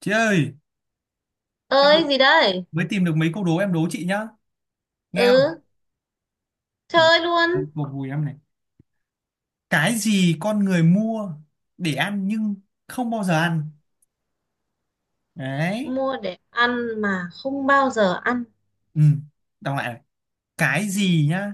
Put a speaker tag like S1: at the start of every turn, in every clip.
S1: Chị ơi, em
S2: Ơi
S1: định-
S2: gì đây?
S1: mới tìm được mấy câu đố em đố chị nhá. Nghe không?
S2: Ừ, chơi luôn.
S1: Một vùi em này. Cái gì con người mua để ăn nhưng không bao giờ ăn? Đấy.
S2: Mua để ăn mà không bao giờ ăn?
S1: Ừ, đọc lại này. Cái gì nhá?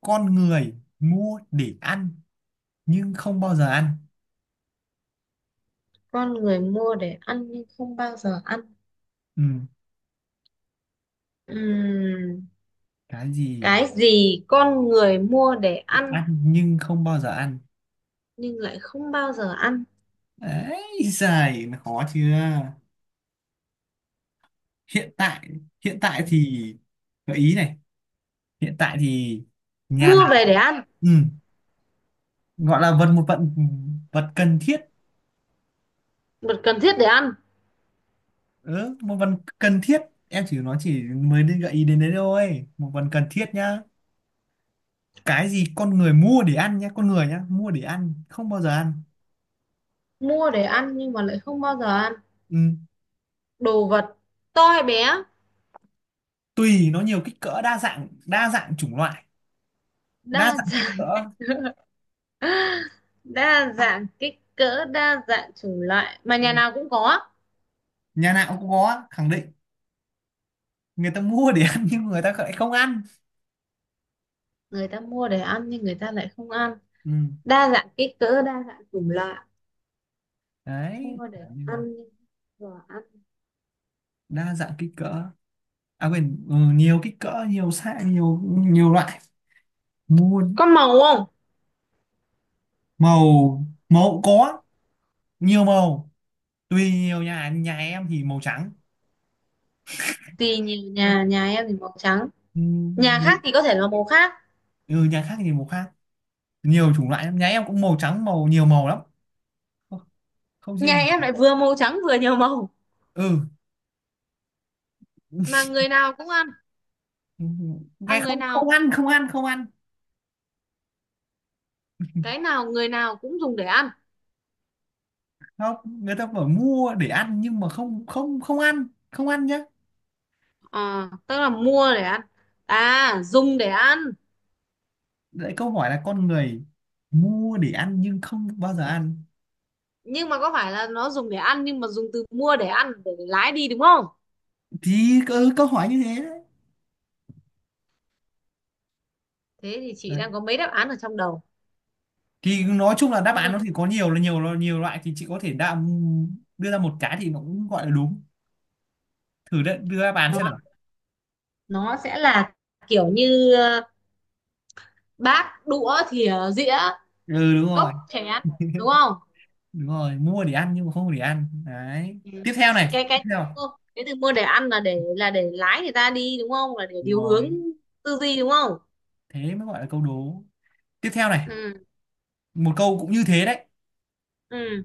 S1: Con người mua để ăn nhưng không bao giờ ăn.
S2: Con người mua để ăn nhưng không bao giờ ăn.
S1: Ừ,
S2: Ừm,
S1: cái gì
S2: cái gì con người mua để
S1: để
S2: ăn
S1: ăn nhưng không bao giờ ăn?
S2: nhưng lại không bao giờ ăn?
S1: Đấy, dài khó chưa? Hiện tại, hiện tại
S2: Ừm,
S1: thì gợi ý này. Hiện tại thì nhà
S2: Mua
S1: nào?
S2: về để ăn?
S1: Ừ. Gọi là vật một vật vật cần thiết.
S2: Vật cần thiết để ăn?
S1: Ừ, một vật cần thiết, em chỉ nói chỉ mới đi gợi ý đến đấy thôi, một vật cần thiết nhá. Cái gì con người mua để ăn nhá, con người nhá, mua để ăn không bao giờ ăn.
S2: Mua để ăn nhưng mà lại không bao giờ ăn.
S1: Ừ.
S2: Đồ vật? To hay bé?
S1: Tùy, nó nhiều kích cỡ, đa dạng, đa dạng chủng loại,
S2: Đa
S1: đa dạng kích
S2: dạng.
S1: cỡ.
S2: Đa dạng kích cỡ, đa dạng chủng loại mà
S1: Ừ.
S2: nhà nào cũng có.
S1: Nhà nào cũng có, khẳng định. Người ta mua để ăn nhưng người ta lại không ăn.
S2: Người ta mua để ăn nhưng người ta lại không ăn.
S1: Ừ.
S2: Đa dạng kích cỡ, đa dạng chủng loại.
S1: Đấy
S2: Mua
S1: kiểu
S2: để
S1: như là
S2: ăn và ăn.
S1: đa dạng kích cỡ. À quên, ừ, nhiều kích cỡ, nhiều size, nhiều nhiều loại mua.
S2: Có màu không?
S1: Màu màu có, nhiều màu, tùy, nhiều nhà, nhà em thì màu trắng.
S2: Thì nhiều nhà,
S1: Ừ,
S2: nhà em thì màu trắng.
S1: ừ,
S2: Nhà
S1: mấy-
S2: khác thì có thể là màu khác.
S1: ừ, nhà khác thì màu khác, nhiều chủng loại lắm. Nhà em cũng màu trắng, màu, nhiều màu lắm. Không, không
S2: Nhà
S1: riêng.
S2: em lại vừa màu trắng vừa nhiều màu.
S1: Ừ.
S2: Mà người nào cũng ăn?
S1: Ừ,
S2: À,
S1: nghe
S2: người
S1: không, không
S2: nào,
S1: ăn, không ăn, không ăn.
S2: cái nào, người nào cũng dùng để ăn?
S1: Không, người ta bảo mua để ăn nhưng mà không không không ăn, không ăn nhá.
S2: À, tức là mua để ăn, à dùng để ăn.
S1: Đấy, câu hỏi là con người mua để ăn nhưng không bao giờ ăn
S2: Nhưng mà có phải là nó dùng để ăn nhưng mà dùng từ mua để ăn để lái đi, đúng không?
S1: thì ừ, câu hỏi như thế
S2: Thế thì chị
S1: đấy.
S2: đang có mấy đáp án ở trong đầu.
S1: Thì nói chung là đáp án
S2: Mua
S1: nó
S2: để
S1: thì có nhiều, là nhiều, nhiều loại, thì chị có thể đưa ra một cái thì nó cũng gọi là đúng. Thử đưa đáp án
S2: nó
S1: xem nào.
S2: nó sẽ là kiểu như bát đũa thìa dĩa,
S1: Ừ, đúng rồi.
S2: cốc chén, đúng không?
S1: Đúng rồi, mua để ăn nhưng mà không để ăn đấy,
S2: Ừ.
S1: tiếp theo này, tiếp
S2: Cái từ
S1: theo.
S2: mua, cái từ mua để ăn là để, là để lái người ta đi, đúng không, là để
S1: Đúng
S2: điều hướng
S1: rồi,
S2: tư duy, đúng không?
S1: thế mới gọi là câu đố. Tiếp theo này,
S2: Ừ.
S1: một câu cũng như thế đấy.
S2: Ừ.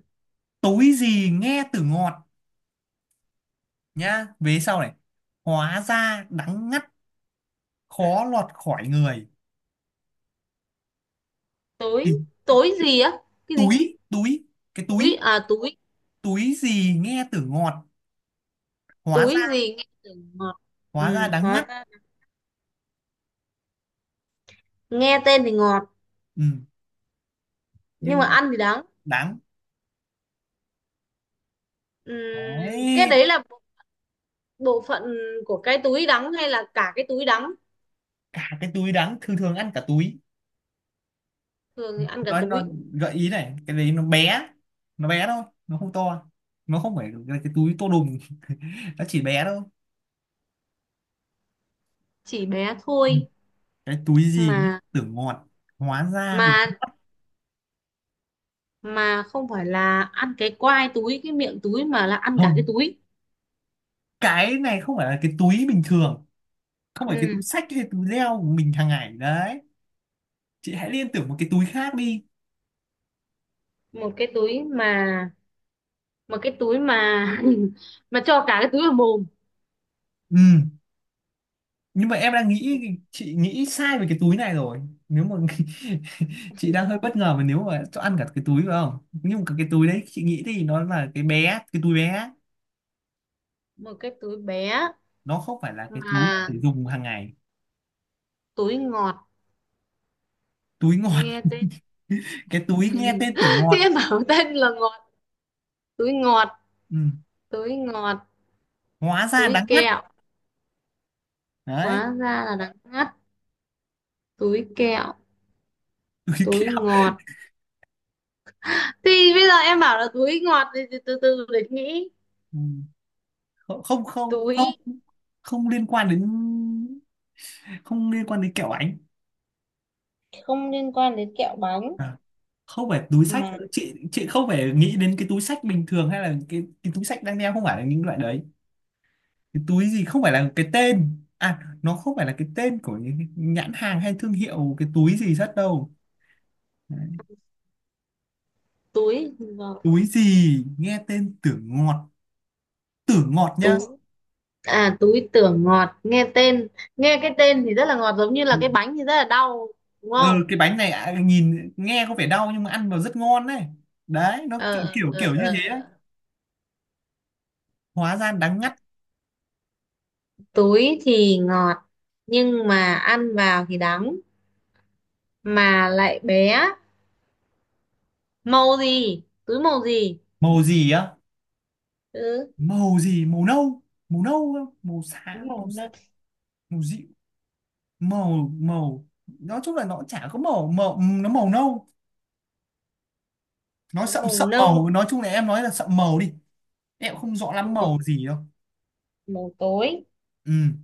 S1: Túi gì nghe từ ngọt, nhá vế sau này, hóa ra đắng ngắt, khó lọt khỏi người.
S2: túi
S1: Thì
S2: Túi gì á? Cái gì?
S1: túi túi, cái
S2: Túi
S1: túi
S2: à, túi.
S1: túi gì nghe từ ngọt, hóa
S2: Túi
S1: ra
S2: gì nghe tưởng ngọt? Ừ,
S1: hóa ra đắng ngắt.
S2: hóa ra nghe tên thì ngọt
S1: Ừ.
S2: nhưng mà
S1: Nhưng
S2: ăn thì đắng.
S1: đắng,
S2: Ừ, cái
S1: đấy,
S2: đấy là bộ phận của cái túi đắng hay là cả cái túi đắng?
S1: cả cái túi đắng, thường thường ăn cả túi.
S2: Thường thì ăn cả
S1: Nó
S2: túi.
S1: gợi ý này, cái đấy nó bé, nó bé thôi, nó không to, nó không phải là cái túi to đùng, nó chỉ bé thôi.
S2: Chỉ bé
S1: Ừ.
S2: thôi.
S1: Cái túi gì nhỉ?
S2: mà
S1: Tưởng ngọt, hóa ra,
S2: mà mà không phải là ăn cái quai túi, cái miệng túi mà là ăn cả cái
S1: không,
S2: túi.
S1: cái này không phải là cái túi bình thường, không phải cái túi
S2: Ừ.
S1: xách hay túi leo của mình hàng ngày đấy. Chị hãy liên tưởng một cái túi khác đi.
S2: một cái túi mà Một cái túi mà mà cho cả cái túi vào mồm.
S1: Ừ, nhưng mà em đang nghĩ chị nghĩ sai về cái túi này rồi. Nếu mà chị đang hơi bất ngờ, mà nếu mà cho ăn cả cái túi phải không, nhưng mà cái túi đấy chị nghĩ thì nó là cái bé, cái túi bé,
S2: Một cái túi bé
S1: nó không phải là cái túi
S2: mà.
S1: để dùng hàng ngày.
S2: Túi ngọt,
S1: Túi ngọt,
S2: nghe tên.
S1: cái túi nghe tên tưởng
S2: Chứ
S1: ngọt.
S2: em bảo tên là ngọt. Túi ngọt.
S1: Ừ.
S2: Túi ngọt,
S1: Hóa ra
S2: túi
S1: đắng ngắt
S2: kẹo.
S1: đấy,
S2: Hóa ra là đắng ngắt. Túi kẹo.
S1: túi
S2: Túi
S1: kẹo.
S2: ngọt thì bây giờ em bảo là túi ngọt thì từ từ từ để nghĩ.
S1: Ừ. không không không không
S2: Túi
S1: không liên quan đến, không liên quan đến kẹo ánh.
S2: không liên quan đến kẹo bánh.
S1: À, không phải túi sách,
S2: Mà
S1: chị không phải nghĩ đến cái túi sách bình thường hay là cái túi sách đang đeo, không phải là những loại đấy. Cái túi gì không phải là cái tên, à nó không phải là cái tên của những cái nhãn hàng hay thương hiệu cái túi gì rất đâu. Đấy.
S2: túi ngọt.
S1: Túi gì nghe tên tưởng ngọt, tưởng ngọt nhá.
S2: tú À túi tưởng ngọt, nghe tên, nghe cái tên thì rất là ngọt, giống như là
S1: Ừ.
S2: cái bánh thì rất là đau, đúng không?
S1: Ừ, cái bánh này à, nhìn nghe có vẻ đau nhưng mà ăn vào rất ngon đấy, đấy nó
S2: ờ
S1: kiểu
S2: ờ
S1: kiểu
S2: ờ
S1: kiểu như
S2: ờ.
S1: thế đấy.
S2: ờ.
S1: Hóa ra đắng ngắt.
S2: Túi thì ngọt nhưng mà ăn vào thì đắng, mà lại bé. Màu gì? Túi màu gì?
S1: Màu gì á?
S2: Ừ.
S1: Màu gì, màu nâu, màu nâu á, màu
S2: Túi
S1: xám,
S2: màu
S1: màu
S2: nâu.
S1: xám, màu dịu, màu màu, nói chung là nó chả có màu, màu nó màu nâu, nó
S2: Túi
S1: sậm
S2: màu
S1: sậm
S2: nâu,
S1: màu, nói chung là em nói là sậm màu đi. Em cũng không rõ lắm màu
S2: màu,
S1: gì đâu.
S2: màu tối.
S1: Ừ.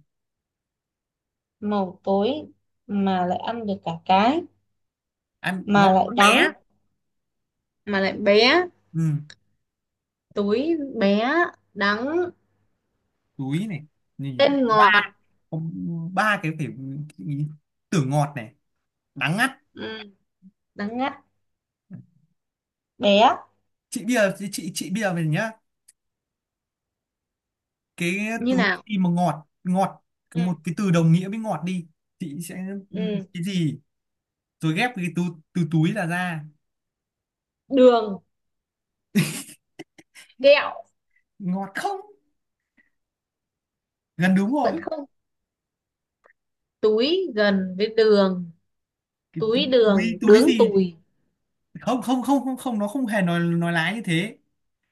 S2: Màu tối mà lại ăn được cả cái,
S1: Em nó
S2: mà lại
S1: còn
S2: đắng,
S1: bé.
S2: mà lại bé.
S1: Ừ,
S2: Túi bé, đắng,
S1: túi này nhìn
S2: tên
S1: ba,
S2: ngọt.
S1: có ba cái phải, cái- tưởng ngọt này, đắng ngắt.
S2: Ừ, đắng ngắt. Bé.
S1: Chị bây giờ, chị bây giờ về nhá. Cái
S2: Như
S1: túi
S2: nào?
S1: gì mà ngọt, ngọt, cái, một
S2: Ừ.
S1: cái từ đồng nghĩa với ngọt đi. Chị sẽ,
S2: Ừ.
S1: cái gì, rồi ghép cái từ, từ túi là ra.
S2: Đường, kẹo.
S1: Ngọt không? Gần đúng rồi.
S2: Vẫn không. Túi gần với đường.
S1: Cái túi,
S2: Túi
S1: túi,
S2: đường,
S1: túi
S2: đướng
S1: gì?
S2: tùi.
S1: Không không không không không nó không hề nói lái như thế.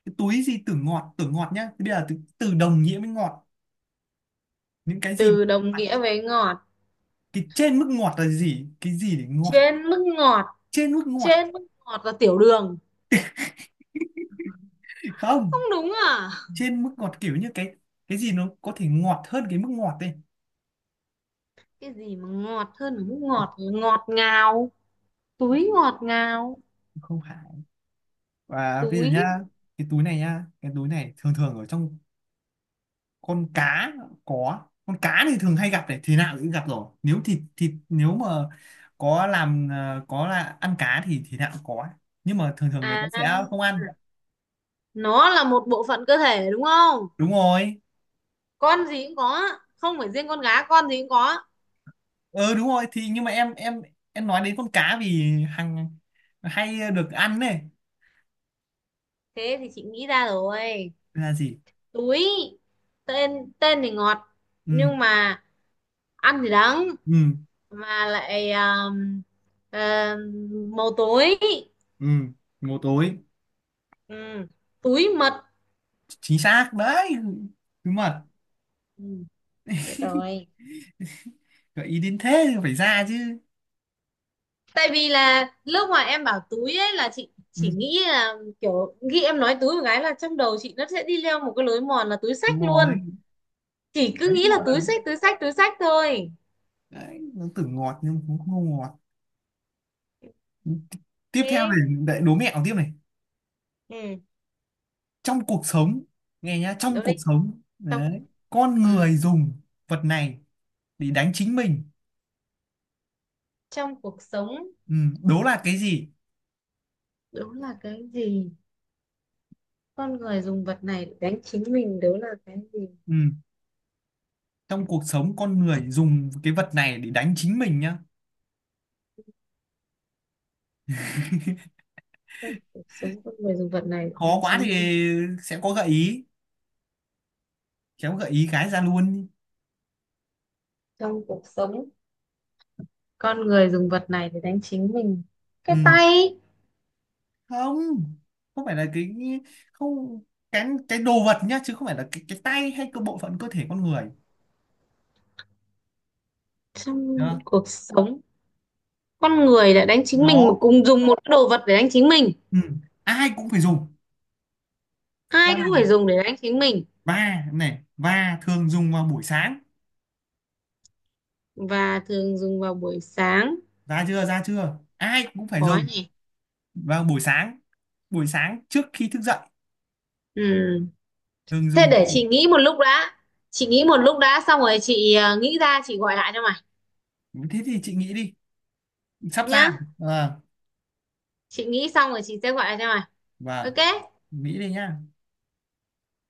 S1: Cái túi gì từ ngọt, từ ngọt nhá, thế bây giờ từ đồng nghĩa với ngọt những cái gì.
S2: Từ đồng nghĩa với ngọt.
S1: Cái trên mức ngọt là gì, cái gì để ngọt?
S2: Trên mức ngọt.
S1: Trên mức ngọt,
S2: Trên mức ngọt là tiểu đường. Không
S1: không,
S2: đúng à?
S1: trên mức ngọt kiểu như cái gì nó có thể ngọt hơn cái mức ngọt đây.
S2: Cái gì mà ngọt hơn mức ngọt là ngọt ngào. Túi ngọt ngào.
S1: Không phải. Và bây giờ
S2: Túi.
S1: nhá, cái túi này nhá, cái túi này thường thường ở trong con cá, có con cá thì thường hay gặp này, thì nào cũng gặp rồi nếu thịt thịt nếu mà có làm, có là ăn cá thì nào cũng có, nhưng mà thường thường người ta
S2: À,
S1: sẽ không ăn.
S2: nó là một bộ phận cơ thể, đúng không?
S1: Đúng rồi.
S2: Con gì cũng có. Không phải riêng con gái, con gì cũng có.
S1: Ờ Đúng rồi thì, nhưng mà em nói đến con cá vì hàng, hay được ăn này.
S2: Thế thì chị nghĩ ra rồi.
S1: Là gì?
S2: Túi, tên tên thì ngọt
S1: ừ
S2: nhưng mà ăn thì đắng,
S1: ừ
S2: mà lại màu tối.
S1: ừ, ngô tối.
S2: Ừ. Túi mật.
S1: Chính xác đấy, đúng mà,
S2: Ừ, biết rồi.
S1: gợi ý đến thế thì phải ra chứ.
S2: Tại vì là lúc mà em bảo túi ấy là chị
S1: Ừ,
S2: chỉ nghĩ là kiểu, khi em nói túi một cái là trong đầu chị nó sẽ đi leo một cái lối mòn là túi
S1: đúng
S2: xách luôn.
S1: rồi,
S2: Chỉ cứ
S1: đấy
S2: nghĩ là
S1: gọi là,
S2: túi xách thôi.
S1: đấy nó tưởng ngọt nhưng cũng không ngọt. Tiếp theo này,
S2: Thế.
S1: lại đố mẹo tiếp này.
S2: Ừ,
S1: Trong cuộc sống, nghe nhá, trong
S2: đúng đi.
S1: cuộc sống
S2: trong cuộc-
S1: đấy, con
S2: ừ.
S1: người dùng vật này để đánh chính mình.
S2: Trong cuộc sống
S1: Ừ, đố là cái gì.
S2: đúng là cái gì? Con người dùng vật này để đánh chính mình, đó là cái gì?
S1: Ừ, trong cuộc sống con người dùng cái vật này để đánh chính mình nhá.
S2: Trong cuộc sống con người dùng vật này để
S1: Khó
S2: đánh
S1: quá
S2: chính mình.
S1: thì sẽ có gợi ý, khéo gợi ý cái ra luôn.
S2: Trong cuộc sống con người dùng vật này để đánh chính mình. Cái
S1: Ừ,
S2: tay?
S1: không, không phải là cái, không, cái đồ vật nhá, chứ không phải là cái tay hay cái bộ phận cơ thể con người
S2: Trong
S1: đó.
S2: cuộc sống con người đã đánh chính mình, mà
S1: Nó,
S2: cùng dùng một đồ vật để đánh chính mình.
S1: ừ. Ai cũng phải dùng,
S2: Hai
S1: và
S2: thứ phải dùng để đánh chính mình,
S1: và này, và thường dùng vào buổi sáng.
S2: và thường dùng vào buổi sáng.
S1: Ra chưa? Ra chưa? Ai cũng phải
S2: Khó
S1: dùng
S2: nhỉ.
S1: vào buổi sáng, buổi sáng trước khi thức dậy,
S2: Ừ.
S1: thường
S2: Thế
S1: dùng.
S2: để chị nghĩ một lúc đã. Chị nghĩ một lúc đã, xong rồi chị nghĩ ra chị gọi lại cho mày
S1: Thế thì chị nghĩ đi, sắp ra
S2: nhá.
S1: rồi. Ờ.
S2: Chị nghĩ xong rồi chị sẽ gọi lại cho mày.
S1: Và
S2: Ok.
S1: nghĩ đi nhá.